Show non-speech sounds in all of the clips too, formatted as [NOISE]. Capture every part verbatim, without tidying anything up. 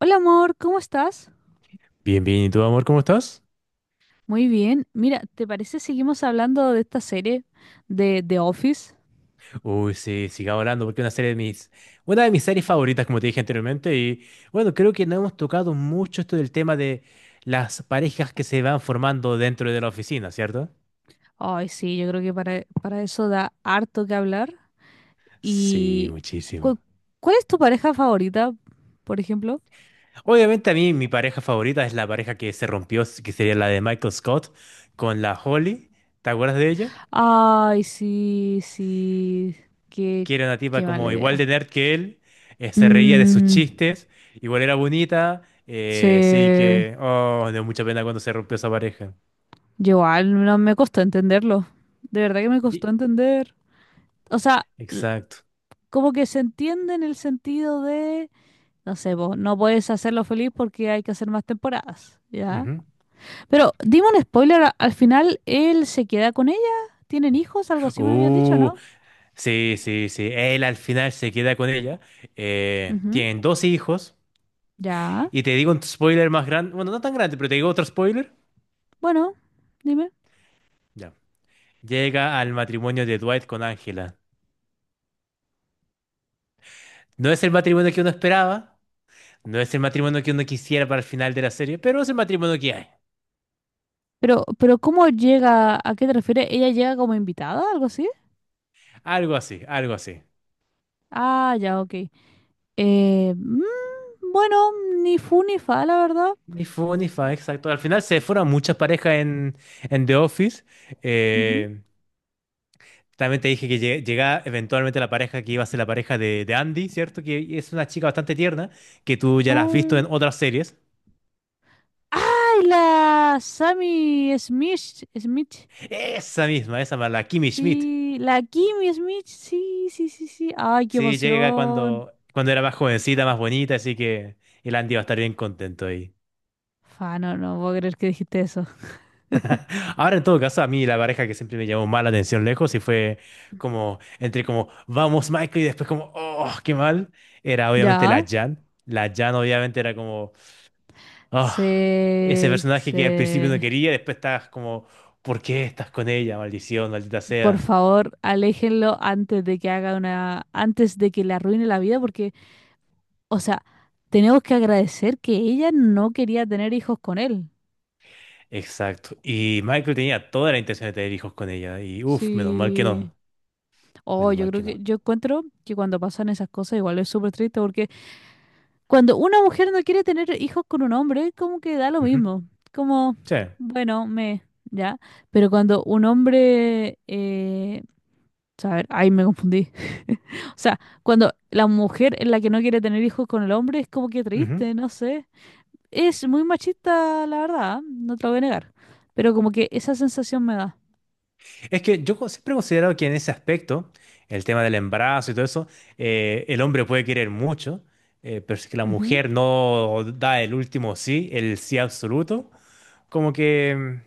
Hola amor, ¿cómo estás? Bien, bien, ¿y tú, amor, cómo estás? Muy bien. Mira, ¿te parece seguimos hablando de esta serie de The Office? Uy, sí, siga hablando porque es una serie de mis, una de mis series favoritas, como te dije anteriormente, y bueno, creo que no hemos tocado mucho esto del tema de las parejas que se van formando dentro de la oficina, ¿cierto? Ay, sí, yo creo que para, para eso da harto que hablar. Sí, ¿Y muchísimo. cu- cuál es tu pareja favorita, por ejemplo? Obviamente a mí mi pareja favorita es la pareja que se rompió, que sería la de Michael Scott con la Holly. ¿Te acuerdas de ella? Ay, sí, sí, qué, Que era una tipa qué mala como igual idea. de nerd que él, eh, se reía de sus Mm, chistes, igual era bonita, eh, sí se... que, oh, me dio mucha pena cuando se rompió esa pareja. Yo igual no me costó entenderlo. De verdad que me costó Y- entender. O sea, l- Exacto. como que se entiende en el sentido de... No sé, vos no puedes hacerlo feliz porque hay que hacer más temporadas, ¿ya? Ujú. Pero dime un spoiler, a- al final él se queda con ella, tienen hijos, algo así me habías dicho, Uh, ¿no? sí, sí, sí. Él al final se queda con ella. Eh, Ujú. tienen dos hijos. Ya, Y te digo un spoiler más grande, bueno, no tan grande, pero te digo otro spoiler. bueno, dime. Ya. Llega al matrimonio de Dwight con Angela. No es el matrimonio que uno esperaba, no es el matrimonio que uno quisiera para el final de la serie, pero es el matrimonio que hay. Pero, pero ¿cómo llega? ¿A qué te refieres? ¿Ella llega como invitada, algo así? Algo así, algo así. Ah, ya, ok. Eh, mm, bueno, ni fu ni fa, la verdad. Ni fu ni fa, exacto. Al final se fueron muchas parejas en, en The Office. Ujú. Eh, también te dije que lle- llegaba eventualmente la pareja que iba a ser la pareja de, de Andy, ¿cierto? Que es una chica bastante tierna, que tú ya la has visto Oh. en otras series. ¡Ay, la Sammy Smith! Smith. Esa misma, esa más, la Kimmy Schmidt. Sí, la Kimmy Smith, sí, sí, sí, sí. Ay, qué Sí, llega emoción. cuando, cuando era más jovencita, más bonita, así que el Andy va a estar bien contento ahí. Fa, no, no puedo creer que dijiste eso. Ahora, en todo caso, a mí la pareja que siempre me llamó más la atención lejos y fue como, entre como, vamos, Michael, y después como, oh, qué mal, era obviamente la Ya. Jan. La Jan obviamente era como, ah, ese Se, personaje que al principio se, no quería, después estás como, ¿por qué estás con ella? Maldición, maldita por sea. favor, aléjenlo antes de que haga una, antes de que le arruine la vida, porque, o sea, tenemos que agradecer que ella no quería tener hijos con él. Exacto. Y Michael tenía toda la intención de tener hijos con ella y, uff, menos mal que no, Sí. Oh, menos yo mal creo que que, no. yo encuentro que cuando pasan esas cosas igual es súper triste porque cuando una mujer no quiere tener hijos con un hombre, como que da lo Ujú. mismo. Como, Sí. bueno, me, ya. Pero cuando un hombre, eh, a ver, ahí me confundí. [LAUGHS] O sea, cuando la mujer es la que no quiere tener hijos con el hombre, es como que Ujú. triste, no sé. Es muy machista, la verdad, no te lo voy a negar. Pero como que esa sensación me da. Es que yo co- siempre he considerado que en ese aspecto, el tema del embarazo y todo eso, eh, el hombre puede querer mucho, eh, pero si que la Ujú. mujer no da el último sí, el sí absoluto, como que mm,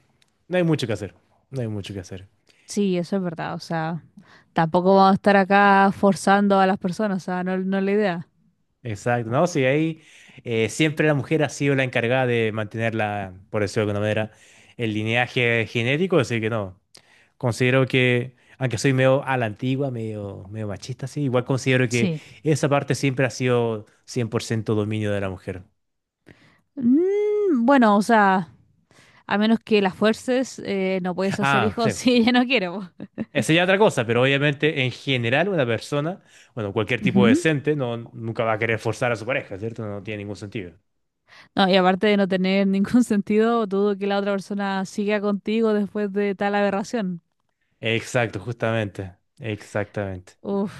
no hay mucho que hacer, no hay mucho que hacer. Sí, eso es verdad. O sea, tampoco vamos a estar acá forzando a las personas. O sea, no, no es la idea. Exacto, no, sí, ahí eh, siempre la mujer ha sido la encargada de mantener la, por decirlo de alguna manera, el lineaje genético, así que no. Considero que, aunque soy medio a la antigua, medio, medio machista, sí, igual considero que Sí. esa parte siempre ha sido cien por ciento dominio de la mujer. Mm, bueno, o sea. A menos que las fuerces, eh, no puedes hacer Ah, sí, hijos [LAUGHS] si ella no quiere. Po. esa ya es otra cosa, pero obviamente en general una persona, bueno, cualquier tipo Ujú. decente, no, nunca va a querer forzar a su pareja, ¿cierto? No tiene ningún sentido. No, y aparte de no tener ningún [LAUGHS] sentido, dudo que la otra persona siga contigo después de tal aberración. Exacto, justamente, exactamente. Uf.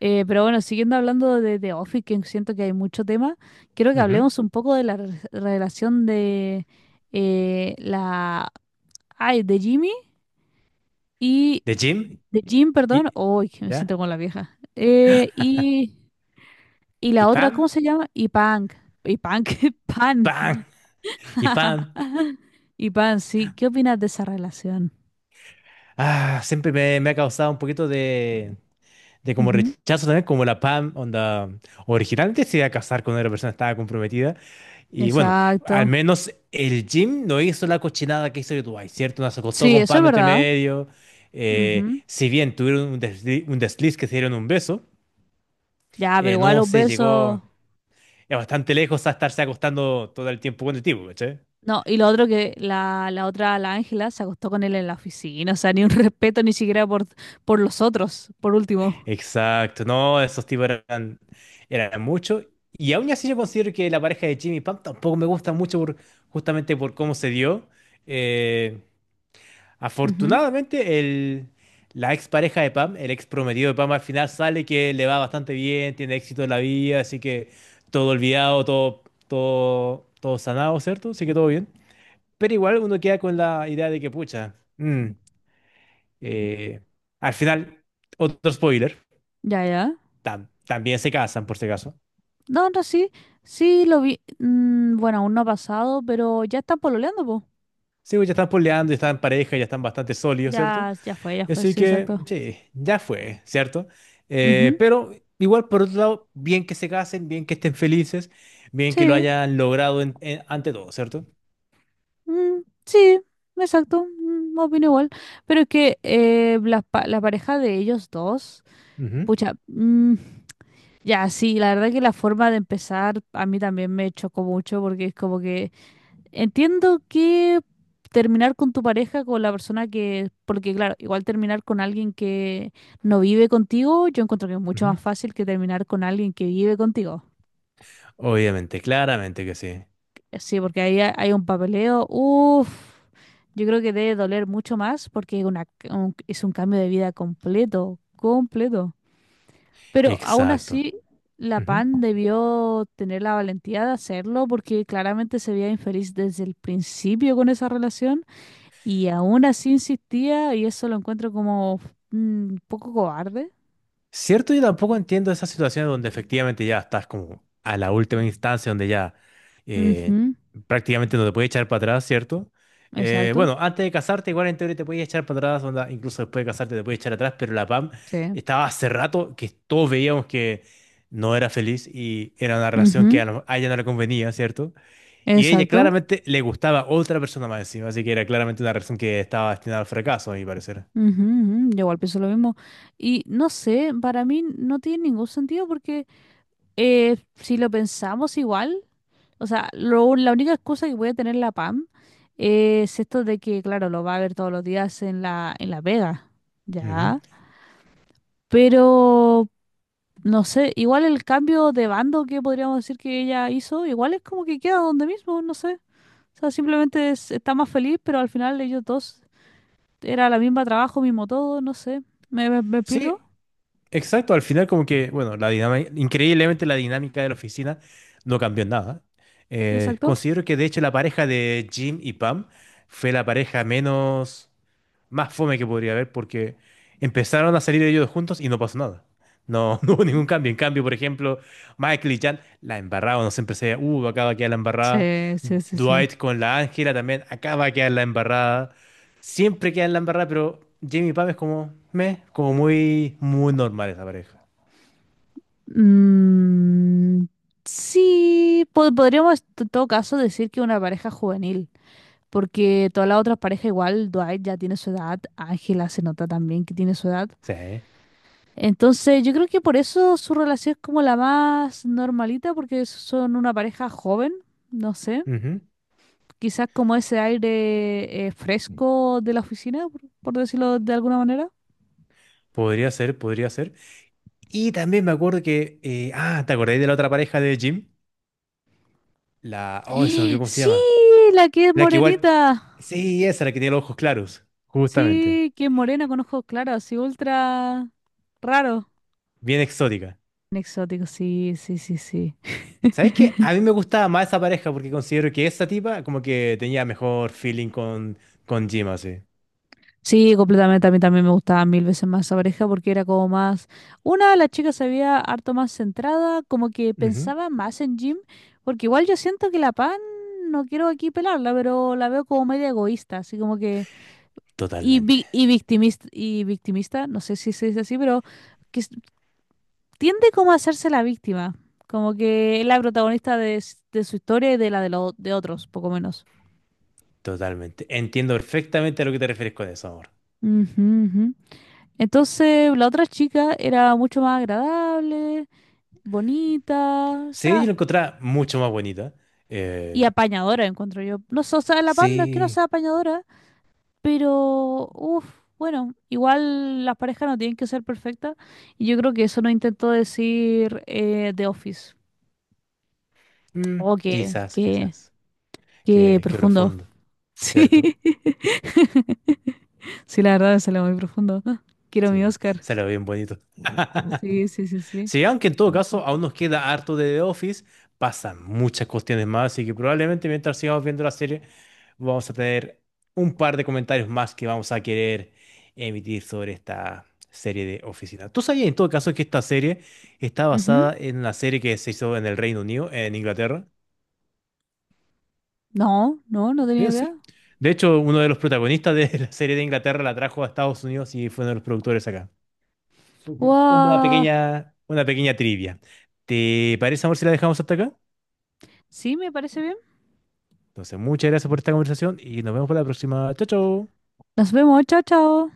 Eh, pero bueno, siguiendo hablando de The Office, que siento que hay mucho tema, quiero que Ujú. hablemos un poco de la re- relación de eh, la... Ay, de Jimmy y... De Jim De Jim, y, perdón. Uy, que me ¿ya? siento como la vieja. Eh, y, y Y la otra, ¿cómo Pam, se llama? Y Punk. Y Punk, [LAUGHS] Pan. Pam, y Pam. Y Pan, sí, ¿qué opinas de esa relación? Ah, siempre me, me ha causado un poquito de, de como Ujú. rechazo también, como la Pam, onda, originalmente se iba a casar con una persona que estaba comprometida. Y bueno, Exacto. al menos el Jim no hizo la cochinada que hizo el Dwight, ¿cierto? No se acostó Sí, con eso es Pam entre verdad. medio. Eh, Ujú. si bien tuvieron un desliz, un desliz que se dieron un beso, Ya, pero eh, igual no los se besos. llegó eh, bastante lejos a estarse acostando todo el tiempo con el tipo, ¿cachai? No, y lo otro que la, la otra, la Ángela, se acostó con él en la oficina. O sea, ni un [LAUGHS] respeto ni siquiera por, por los otros, por último. Exacto, no, esos tipos eran, eran mucho. Y aún así yo considero que la pareja de Jimmy y Pam tampoco me gusta mucho por- justamente por cómo se dio. Eh, Ujú. afortunadamente el, la ex pareja de Pam, el ex prometido de Pam al final sale que le va bastante bien, tiene éxito en la vida, así que todo olvidado, todo, todo, todo sanado, ¿cierto? Así que todo bien. Pero igual uno queda con la idea de que, pucha, mm, eh, al final, otro spoiler Ya, ya. tam- también se casan, por si acaso. No, no, sí. Sí, lo vi. Mm, bueno, aún no ha pasado, pero ya están pololeando, po. Sí, pues ya están poleando, ya están en pareja, ya están bastante sólidos, ¿cierto? Ya, ya fue, ya fue, Así sí, que, exacto. sí, ya fue, ¿cierto? Eh, Ujú. pero igual, por otro lado, bien que se casen, bien que estén felices, bien que lo Sí. hayan logrado en- en- ante todo, ¿cierto? Mm, sí, exacto, mm, opino igual. Pero es que eh, la, pa- la pareja de ellos dos, Ujú, pucha, mm, ya, sí, la verdad que la forma de empezar a mí también me chocó mucho porque es como que entiendo que terminar con tu pareja, con la persona que, porque claro, igual terminar con alguien que no vive contigo, yo encuentro que es mucho ujú. más fácil que terminar con alguien que vive contigo. Obviamente, claramente que sí. Sí, porque ahí ha- hay un papeleo. Uf, yo creo que debe doler mucho más porque es una, un- es un cambio de vida completo, completo. Pero aún Exacto. así, la PAN Ujú. debió tener la valentía de hacerlo porque claramente se veía infeliz desde el principio con esa relación y aún así insistía y eso lo encuentro como mm, un poco cobarde. Cierto, yo tampoco entiendo esas situaciones donde efectivamente ya estás como a la última instancia, donde ya eh, Ujú, prácticamente no te puedes echar para atrás, ¿cierto? Eh, exacto. bueno, antes de casarte, igual en teoría te puedes echar para atrás, onda, incluso después de casarte te puedes echar atrás, pero la PAM Sí. estaba hace rato que todos veíamos que no era feliz y era una relación que Ujú, a, lo- a ella no le convenía, ¿cierto? Y ella exacto. claramente le gustaba otra persona más encima, así que era claramente una relación que estaba destinada al fracaso, a mi parecer. Ujú, ujú, yo igual pienso lo mismo. Y no sé, para mí no tiene ningún sentido porque eh, si lo pensamos igual, o sea, lo- la única excusa que puede tener la PAM es esto de que, claro, lo va a ver todos los días en la, en la Vega, Ujú. ¿ya? Pero, no sé, igual el cambio de bando que podríamos decir que ella hizo, igual es como que queda donde mismo, no sé. O sea, simplemente es- está más feliz, pero al final ellos dos era la misma trabajo, mismo todo, no sé. ¿Me, me me explico? Sí, exacto, al final como que, bueno, la dinámica, increíblemente la dinámica de la oficina no cambió en nada. Eh, Exacto. considero que de hecho la pareja de Jim y Pam fue la pareja menos más fome que podría haber porque empezaron a salir ellos juntos y no pasó nada. No, [LAUGHS] no hubo ningún Ujú. cambio. En cambio, por ejemplo, Michael y Jan la embarraban, no siempre se decía, uh, acá va a quedar la Sí, embarrada. sí, sí, sí. Dwight con la Ángela también, acá va a quedar la embarrada. Siempre queda en la embarrada, pero Jamie y Pam es como, meh, como muy, muy normal esa pareja. Mm, sí, po- podríamos en todo caso decir que una pareja juvenil, porque todas las otras parejas igual, Dwight ya tiene su edad, Ángela se nota también que tiene su edad. Sí. ¿Eh? Entonces, yo creo que por eso su relación es como la más normalita, porque son una pareja joven, no sé, Ujú. quizás como ese aire eh, fresco de la oficina, por por decirlo de alguna manera. Podría ser, podría ser. Y también me acuerdo que, eh, ah, ¿te acordáis de la otra pareja de Jim? La, oh, se me olvidó [GASPS] cómo se Sí, llama. la que es La que morenita. igual. Sí, esa, la que tiene los ojos claros. Justamente. Sí, que es morena con ojos claros, así ultra raro. Bien exótica. Exótico, sí, sí, sí, sí. ¿Sabes qué? A mí me gustaba más esa pareja porque considero que esa tipa como que tenía mejor feeling con, con Jim, así. Sí, completamente. A mí también me gustaba mil veces más esa pareja porque era como más. Una, la chica se veía harto más centrada, como que Ujú. pensaba más en Jim, porque igual yo siento que la Pan, no quiero aquí pelarla, pero la veo como media egoísta, así como que. Y, Totalmente. vi- y victimista, y victimista, no sé si se dice así, pero que s- tiende como a hacerse la víctima, como que es la protagonista de, s- de su historia y de la de, los de otros, poco menos. Totalmente. Entiendo perfectamente a lo que te refieres con eso, amor. Ujú, ujú. Entonces, la otra chica era mucho más agradable, bonita, o Sí, yo la sea, encontraba mucho más bonita. y Eh, apañadora, encuentro yo. No sé, o sea, la pan no es que no sí. sea apañadora, pero, uff, bueno, igual las parejas no tienen que ser perfectas, y yo creo que eso no intentó decir eh, The Office. Oh, Mm, qué, quizás, qué, quizás. qué Qué, qué profundo. profundo, ¿cierto? Sí. [LAUGHS] Sí, la verdad, salió muy profundo. [GASPS] Ah, quiero mi Sí, Oscar. se lo ve bien bonito. Sí, sí, sí, sí. Sí, aunque en todo caso aún nos queda harto de The Office, pasan muchas cuestiones más, así que probablemente mientras sigamos viendo la serie vamos a tener un par de comentarios más que vamos a querer emitir sobre esta serie de Oficina. ¿Tú sabías en todo caso que esta serie está Ujú. basada en una serie que se hizo en el Reino Unido, en Inglaterra? No, no, no ¿Sí, tenía en idea. serio? De hecho, uno de los protagonistas de la serie de Inglaterra la trajo a Estados Unidos y fue uno de los productores acá. Ujú. Una Guau. pequeña, una pequeña trivia. ¿Te parece, amor, si la dejamos hasta acá? Sí, me parece bien. Entonces, muchas gracias por esta conversación y nos vemos para la próxima. Chao, chao. Nos vemos, chao, chao.